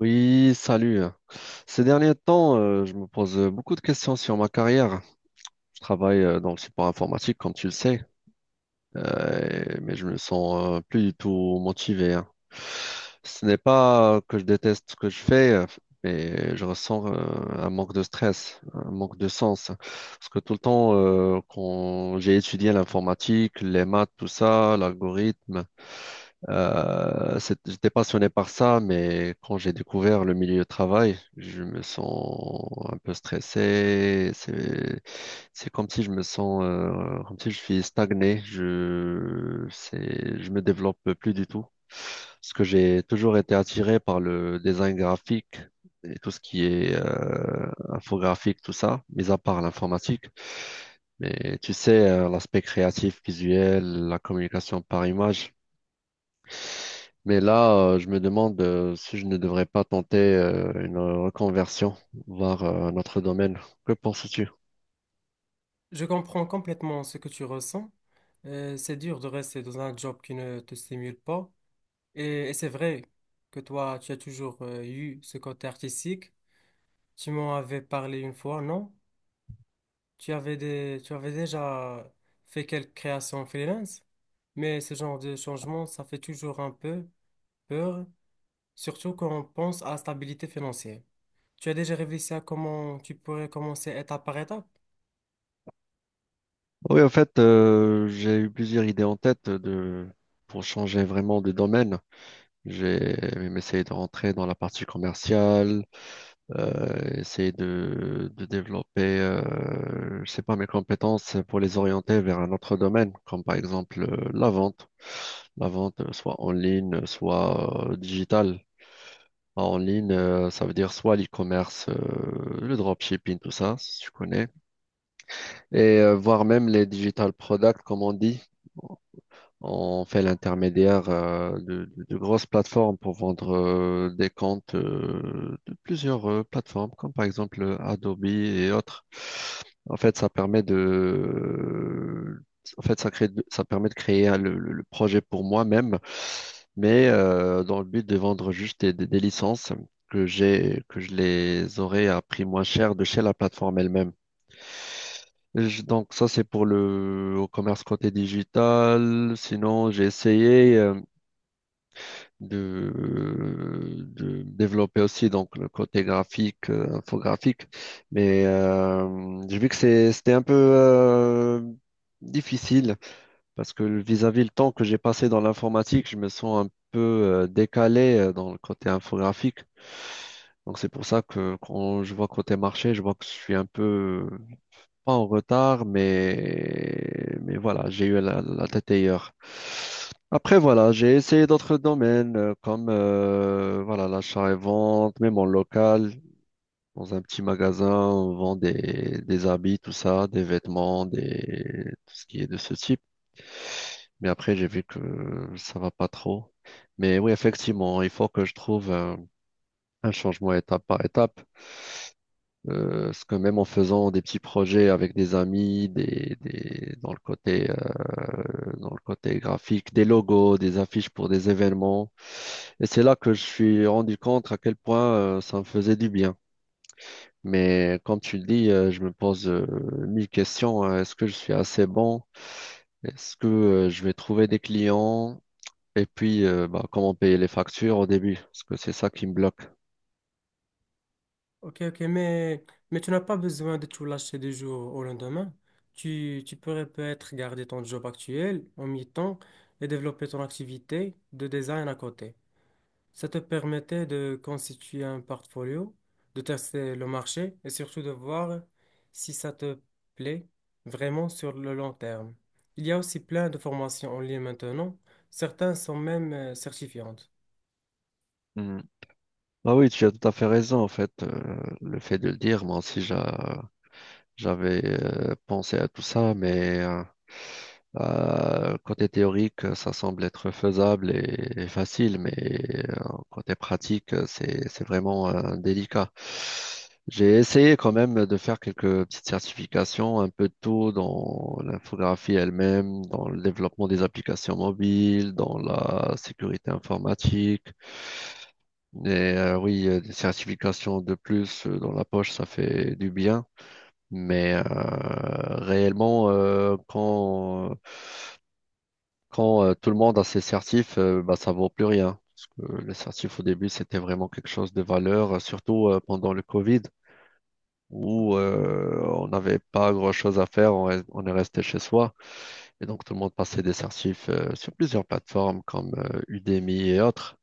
Oui, salut. Ces derniers temps, je me pose beaucoup de questions sur ma carrière. Je travaille dans le support informatique, comme tu le sais, mais je me sens plus du tout motivé, hein. Ce n'est pas que je déteste ce que je fais, mais je ressens un manque de stress, un manque de sens. Parce que tout le temps, quand j'ai étudié l'informatique, les maths, tout ça, l'algorithme, j'étais passionné par ça, mais quand j'ai découvert le milieu de travail, je me sens un peu stressé. C'est comme si je me sens, comme si je suis stagné. Je me développe plus du tout. Parce que j'ai toujours été attiré par le design graphique et tout ce qui est infographique, tout ça, mis à part l'informatique. Mais tu sais, l'aspect créatif, visuel, la communication par image. Mais là, je me demande si je ne devrais pas tenter une reconversion vers notre domaine. Que penses-tu? Je comprends complètement ce que tu ressens. C'est dur de rester dans un job qui ne te stimule pas. Et c'est vrai que toi, tu as toujours eu ce côté artistique. Tu m'en avais parlé une fois, non? Tu avais déjà fait quelques créations freelance, mais ce genre de changement, ça fait toujours un peu peur, surtout quand on pense à la stabilité financière. Tu as déjà réfléchi à comment tu pourrais commencer étape par étape? Oui, en fait, j'ai eu plusieurs idées en tête pour changer vraiment de domaine. J'ai même essayé de rentrer dans la partie commerciale, essayer de développer, je sais pas, mes compétences pour les orienter vers un autre domaine, comme par exemple la vente. La vente, soit en ligne, soit digitale. En ligne, ça veut dire soit l'e-commerce, le dropshipping, tout ça, si tu connais, et voire même les digital products, comme on dit. On fait l'intermédiaire de grosses plateformes pour vendre des comptes de plusieurs plateformes, comme par exemple Adobe et autres. En fait, ça permet de créer le projet pour moi-même, mais dans le but de vendre juste des licences que j'ai, que je les aurais à prix moins cher de chez la plateforme elle-même. Donc ça, c'est pour le au commerce côté digital. Sinon, j'ai essayé de, de développer aussi donc le côté graphique, infographique, mais j'ai vu que c'était un peu difficile parce que vis-à-vis le temps que j'ai passé dans l'informatique, je me sens un peu décalé dans le côté infographique. Donc c'est pour ça que quand je vois côté marché, je vois que je suis un peu pas en retard, mais voilà, j'ai eu la tête ailleurs. Après, voilà, j'ai essayé d'autres domaines comme voilà, l'achat et vente, même en local, dans un petit magasin, on vend des habits, tout ça, des vêtements, des, tout ce qui est de ce type. Mais après, j'ai vu que ça va pas trop. Mais oui, effectivement, il faut que je trouve un changement étape par étape. Parce que même en faisant des petits projets avec des amis, dans le côté graphique, des logos, des affiches pour des événements. Et c'est là que je suis rendu compte à quel point ça me faisait du bien. Mais comme tu le dis, je me pose mille questions, hein. Est-ce que je suis assez bon? Est-ce que je vais trouver des clients? Et puis, bah, comment payer les factures au début? Parce que c'est ça qui me bloque. Ok, ok, mais, mais tu n'as pas besoin de tout lâcher du jour au lendemain. Tu pourrais peut-être garder ton job actuel en mi-temps et développer ton activité de design à côté. Ça te permettait de constituer un portfolio, de tester le marché et surtout de voir si ça te plaît vraiment sur le long terme. Il y a aussi plein de formations en ligne maintenant. Certaines sont même certifiantes. Ah oui, tu as tout à fait raison, en fait, le fait de le dire, moi aussi j'avais pensé à tout ça, mais côté théorique, ça semble être faisable et facile, mais côté pratique, c'est vraiment délicat. J'ai essayé quand même de faire quelques petites certifications, un peu de tout dans l'infographie elle-même, dans le développement des applications mobiles, dans la sécurité informatique. Et oui, des certifications de plus dans la poche, ça fait du bien. Mais réellement, quand, quand tout le monde a ses certifs, bah, ça vaut plus rien. Parce que les certifs au début, c'était vraiment quelque chose de valeur, surtout pendant le Covid, où on n'avait pas grand-chose à faire, on est resté chez soi. Et donc, tout le monde passait des certifs sur plusieurs plateformes comme Udemy et autres.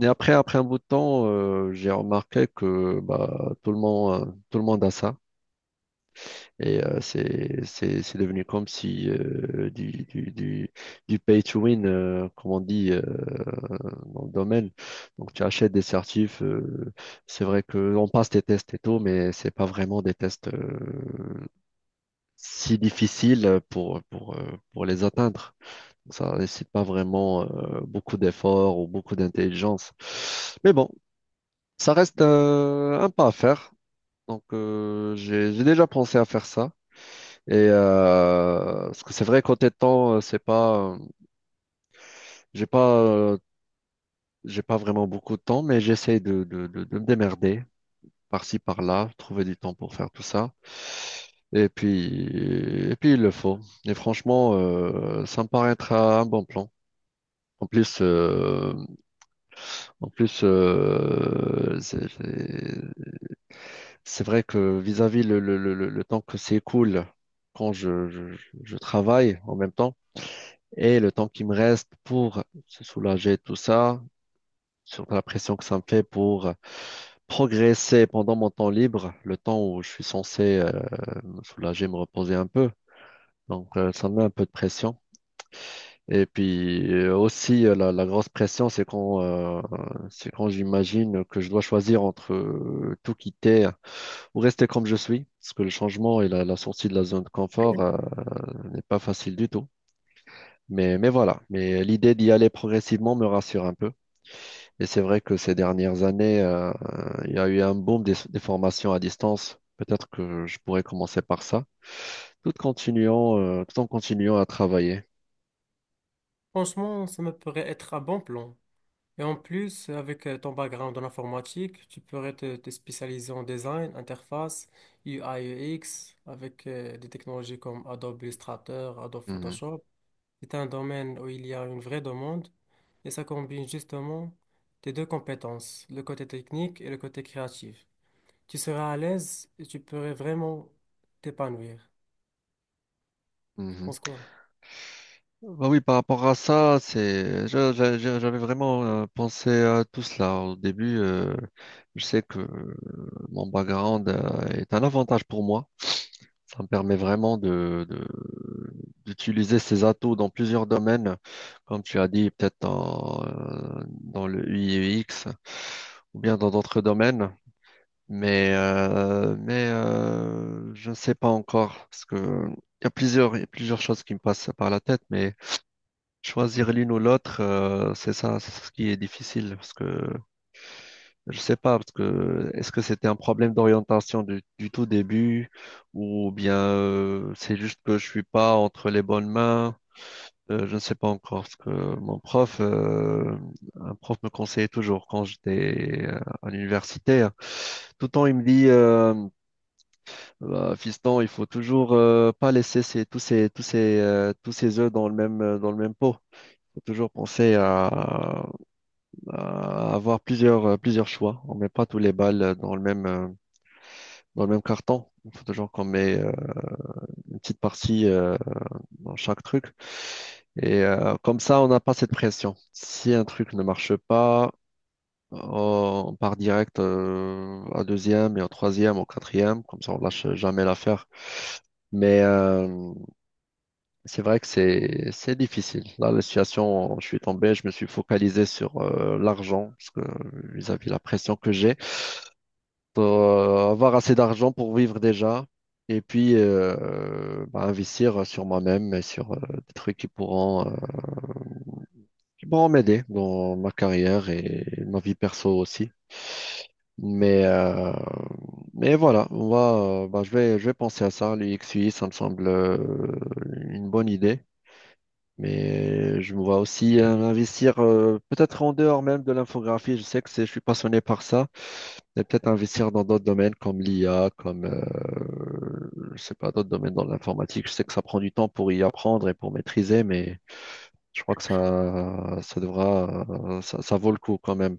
Et après un bout de temps, j'ai remarqué que bah, tout le monde a ça. Et c'est devenu comme si du pay to win, comme on dit dans le domaine. Donc tu achètes des certifs. C'est vrai que on passe des tests et tout, mais c'est pas vraiment des tests si difficiles pour les atteindre. Ça nécessite pas vraiment beaucoup d'efforts ou beaucoup d'intelligence. Mais bon. Ça reste un pas à faire. Donc, j'ai déjà pensé à faire ça. Et parce que c'est vrai, côté temps, c'est pas, j'ai pas, j'ai pas vraiment beaucoup de temps, mais j'essaie de me démerder par-ci, par-là, trouver du temps pour faire tout ça. Et puis, et puis, il le faut. Et franchement, ça me paraît être un bon plan. En plus, euh, en plus, c'est vrai que vis-à-vis le temps que s'écoule quand je travaille en même temps et le temps qui me reste pour se soulager de tout ça, sur la pression que ça me fait pour progresser pendant mon temps libre, le temps où je suis censé me soulager, me reposer un peu. Donc ça me met un peu de pression. Et puis aussi la grosse pression, c'est quand j'imagine que je dois choisir entre tout quitter ou rester comme je suis, parce que le changement et la sortie de la zone de confort, n'est pas facile du tout. Mais, voilà, mais l'idée d'y aller progressivement me rassure un peu. Et c'est vrai que ces dernières années, il y a eu un boom des formations à distance. Peut-être que je pourrais commencer par ça, tout en continuant à travailler. Franchement, ça me pourrait être un bon plan. Et en plus, avec ton background en informatique, te spécialiser en design, interface, U UI, X avec des technologies comme Adobe Illustrator, Adobe Mhm, Photoshop. C'est un domaine où il y a une vraie demande et ça combine justement tes deux compétences, le côté technique et le côté créatif. Tu seras à l'aise et tu pourrais vraiment t'épanouir. Tu mhm. penses quoi? Bah oui, par rapport à ça, c'est, je- j'avais vraiment pensé à tout cela au début. Je sais que mon background est un avantage pour moi. Ça me permet vraiment d'utiliser ces atouts dans plusieurs domaines, comme tu as dit, peut-être dans le U ui X ou bien dans d'autres domaines. Mais, je ne sais pas encore parce que il y a plusieurs choses qui me passent par la tête, mais choisir l'une ou l'autre, c'est ce qui est difficile parce que je sais pas, parce que est-ce que c'était un problème d'orientation du tout début ou bien c'est juste que je suis pas entre les bonnes mains, je ne sais pas encore parce que un prof me conseillait toujours quand j'étais à l'université, hein. Tout le temps il me dit bah, fiston, il faut toujours pas laisser ces- tous ces tous ces tous ces œufs dans le même pot. Faut toujours penser à, avoir plusieurs choix. On met pas tous les balles dans le même carton. Il faut toujours qu'on met une petite partie dans chaque truc. Et comme ça, on n'a pas cette pression. Si un truc ne marche pas, on part direct à deuxième et au troisième, au quatrième. Comme ça, on lâche jamais l'affaire. Mais c'est vrai que c'est difficile. Là, la situation, je suis tombé, je me suis focalisé sur l'argent parce que vis-à-vis la pression que j'ai. Pour avoir assez d'argent pour vivre déjà et puis bah, investir sur moi-même et sur des trucs qui pourront m'aider dans ma carrière et ma vie perso aussi. Mais, euh, mais, voilà, je vais penser à ça. L'UXUI, ça me semble une bonne idée. Mais je me vois aussi investir peut-être en dehors même de l'infographie. Je sais que je suis passionné par ça. Mais peut-être investir dans d'autres domaines comme l'IA, comme je sais pas, d'autres domaines dans l'informatique. Je sais que ça prend du temps pour y apprendre et pour maîtriser, mais je crois que ça vaut le coup quand même.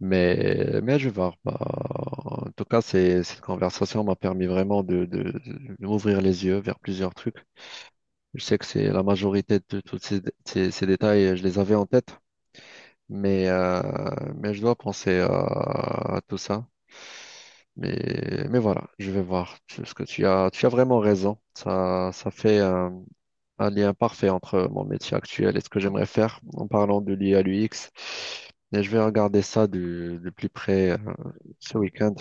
Mais, je vais voir. Bah, en tout cas, cette conversation m'a permis vraiment de m'ouvrir les yeux vers plusieurs trucs. Je sais que c'est la majorité de tous ces détails, je les avais en tête, mais, euh, mais je dois penser à tout ça. Mais, voilà, je vais voir ce que tu as. Tu as vraiment raison. Ça fait, un lien parfait entre mon métier actuel et ce que j'aimerais faire en parlant de l'IA, l'UX. Et je vais regarder ça de plus près ce week-end.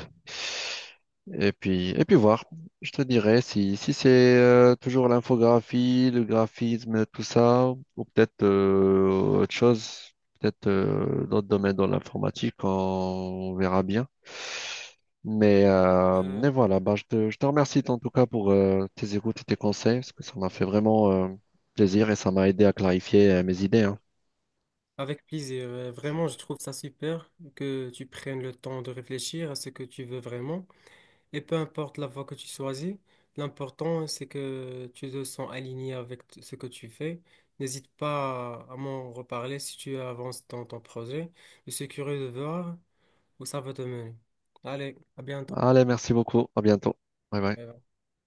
Et puis, voir. Je te dirai si c'est toujours l'infographie, le graphisme, tout ça, ou peut-être autre chose, peut-être d'autres domaines dans l'informatique, on verra bien. Mais, euh, Euh, mais voilà, bah, je te remercie en tout cas pour tes écoutes et tes conseils, parce que ça m'a fait vraiment plaisir et ça m'a aidé à clarifier mes idées, hein. Avec plaisir. Vraiment, je trouve ça super que tu prennes le temps de réfléchir à ce que tu veux vraiment. Et peu importe la voie que tu choisis, l'important c'est que tu te sens aligné avec ce que tu fais. N'hésite pas à m'en reparler si tu avances dans ton projet. Je suis curieux de voir où ça va te mener. Allez, à bientôt. Allez, merci beaucoup, à bientôt. Bye bye. Bye bye.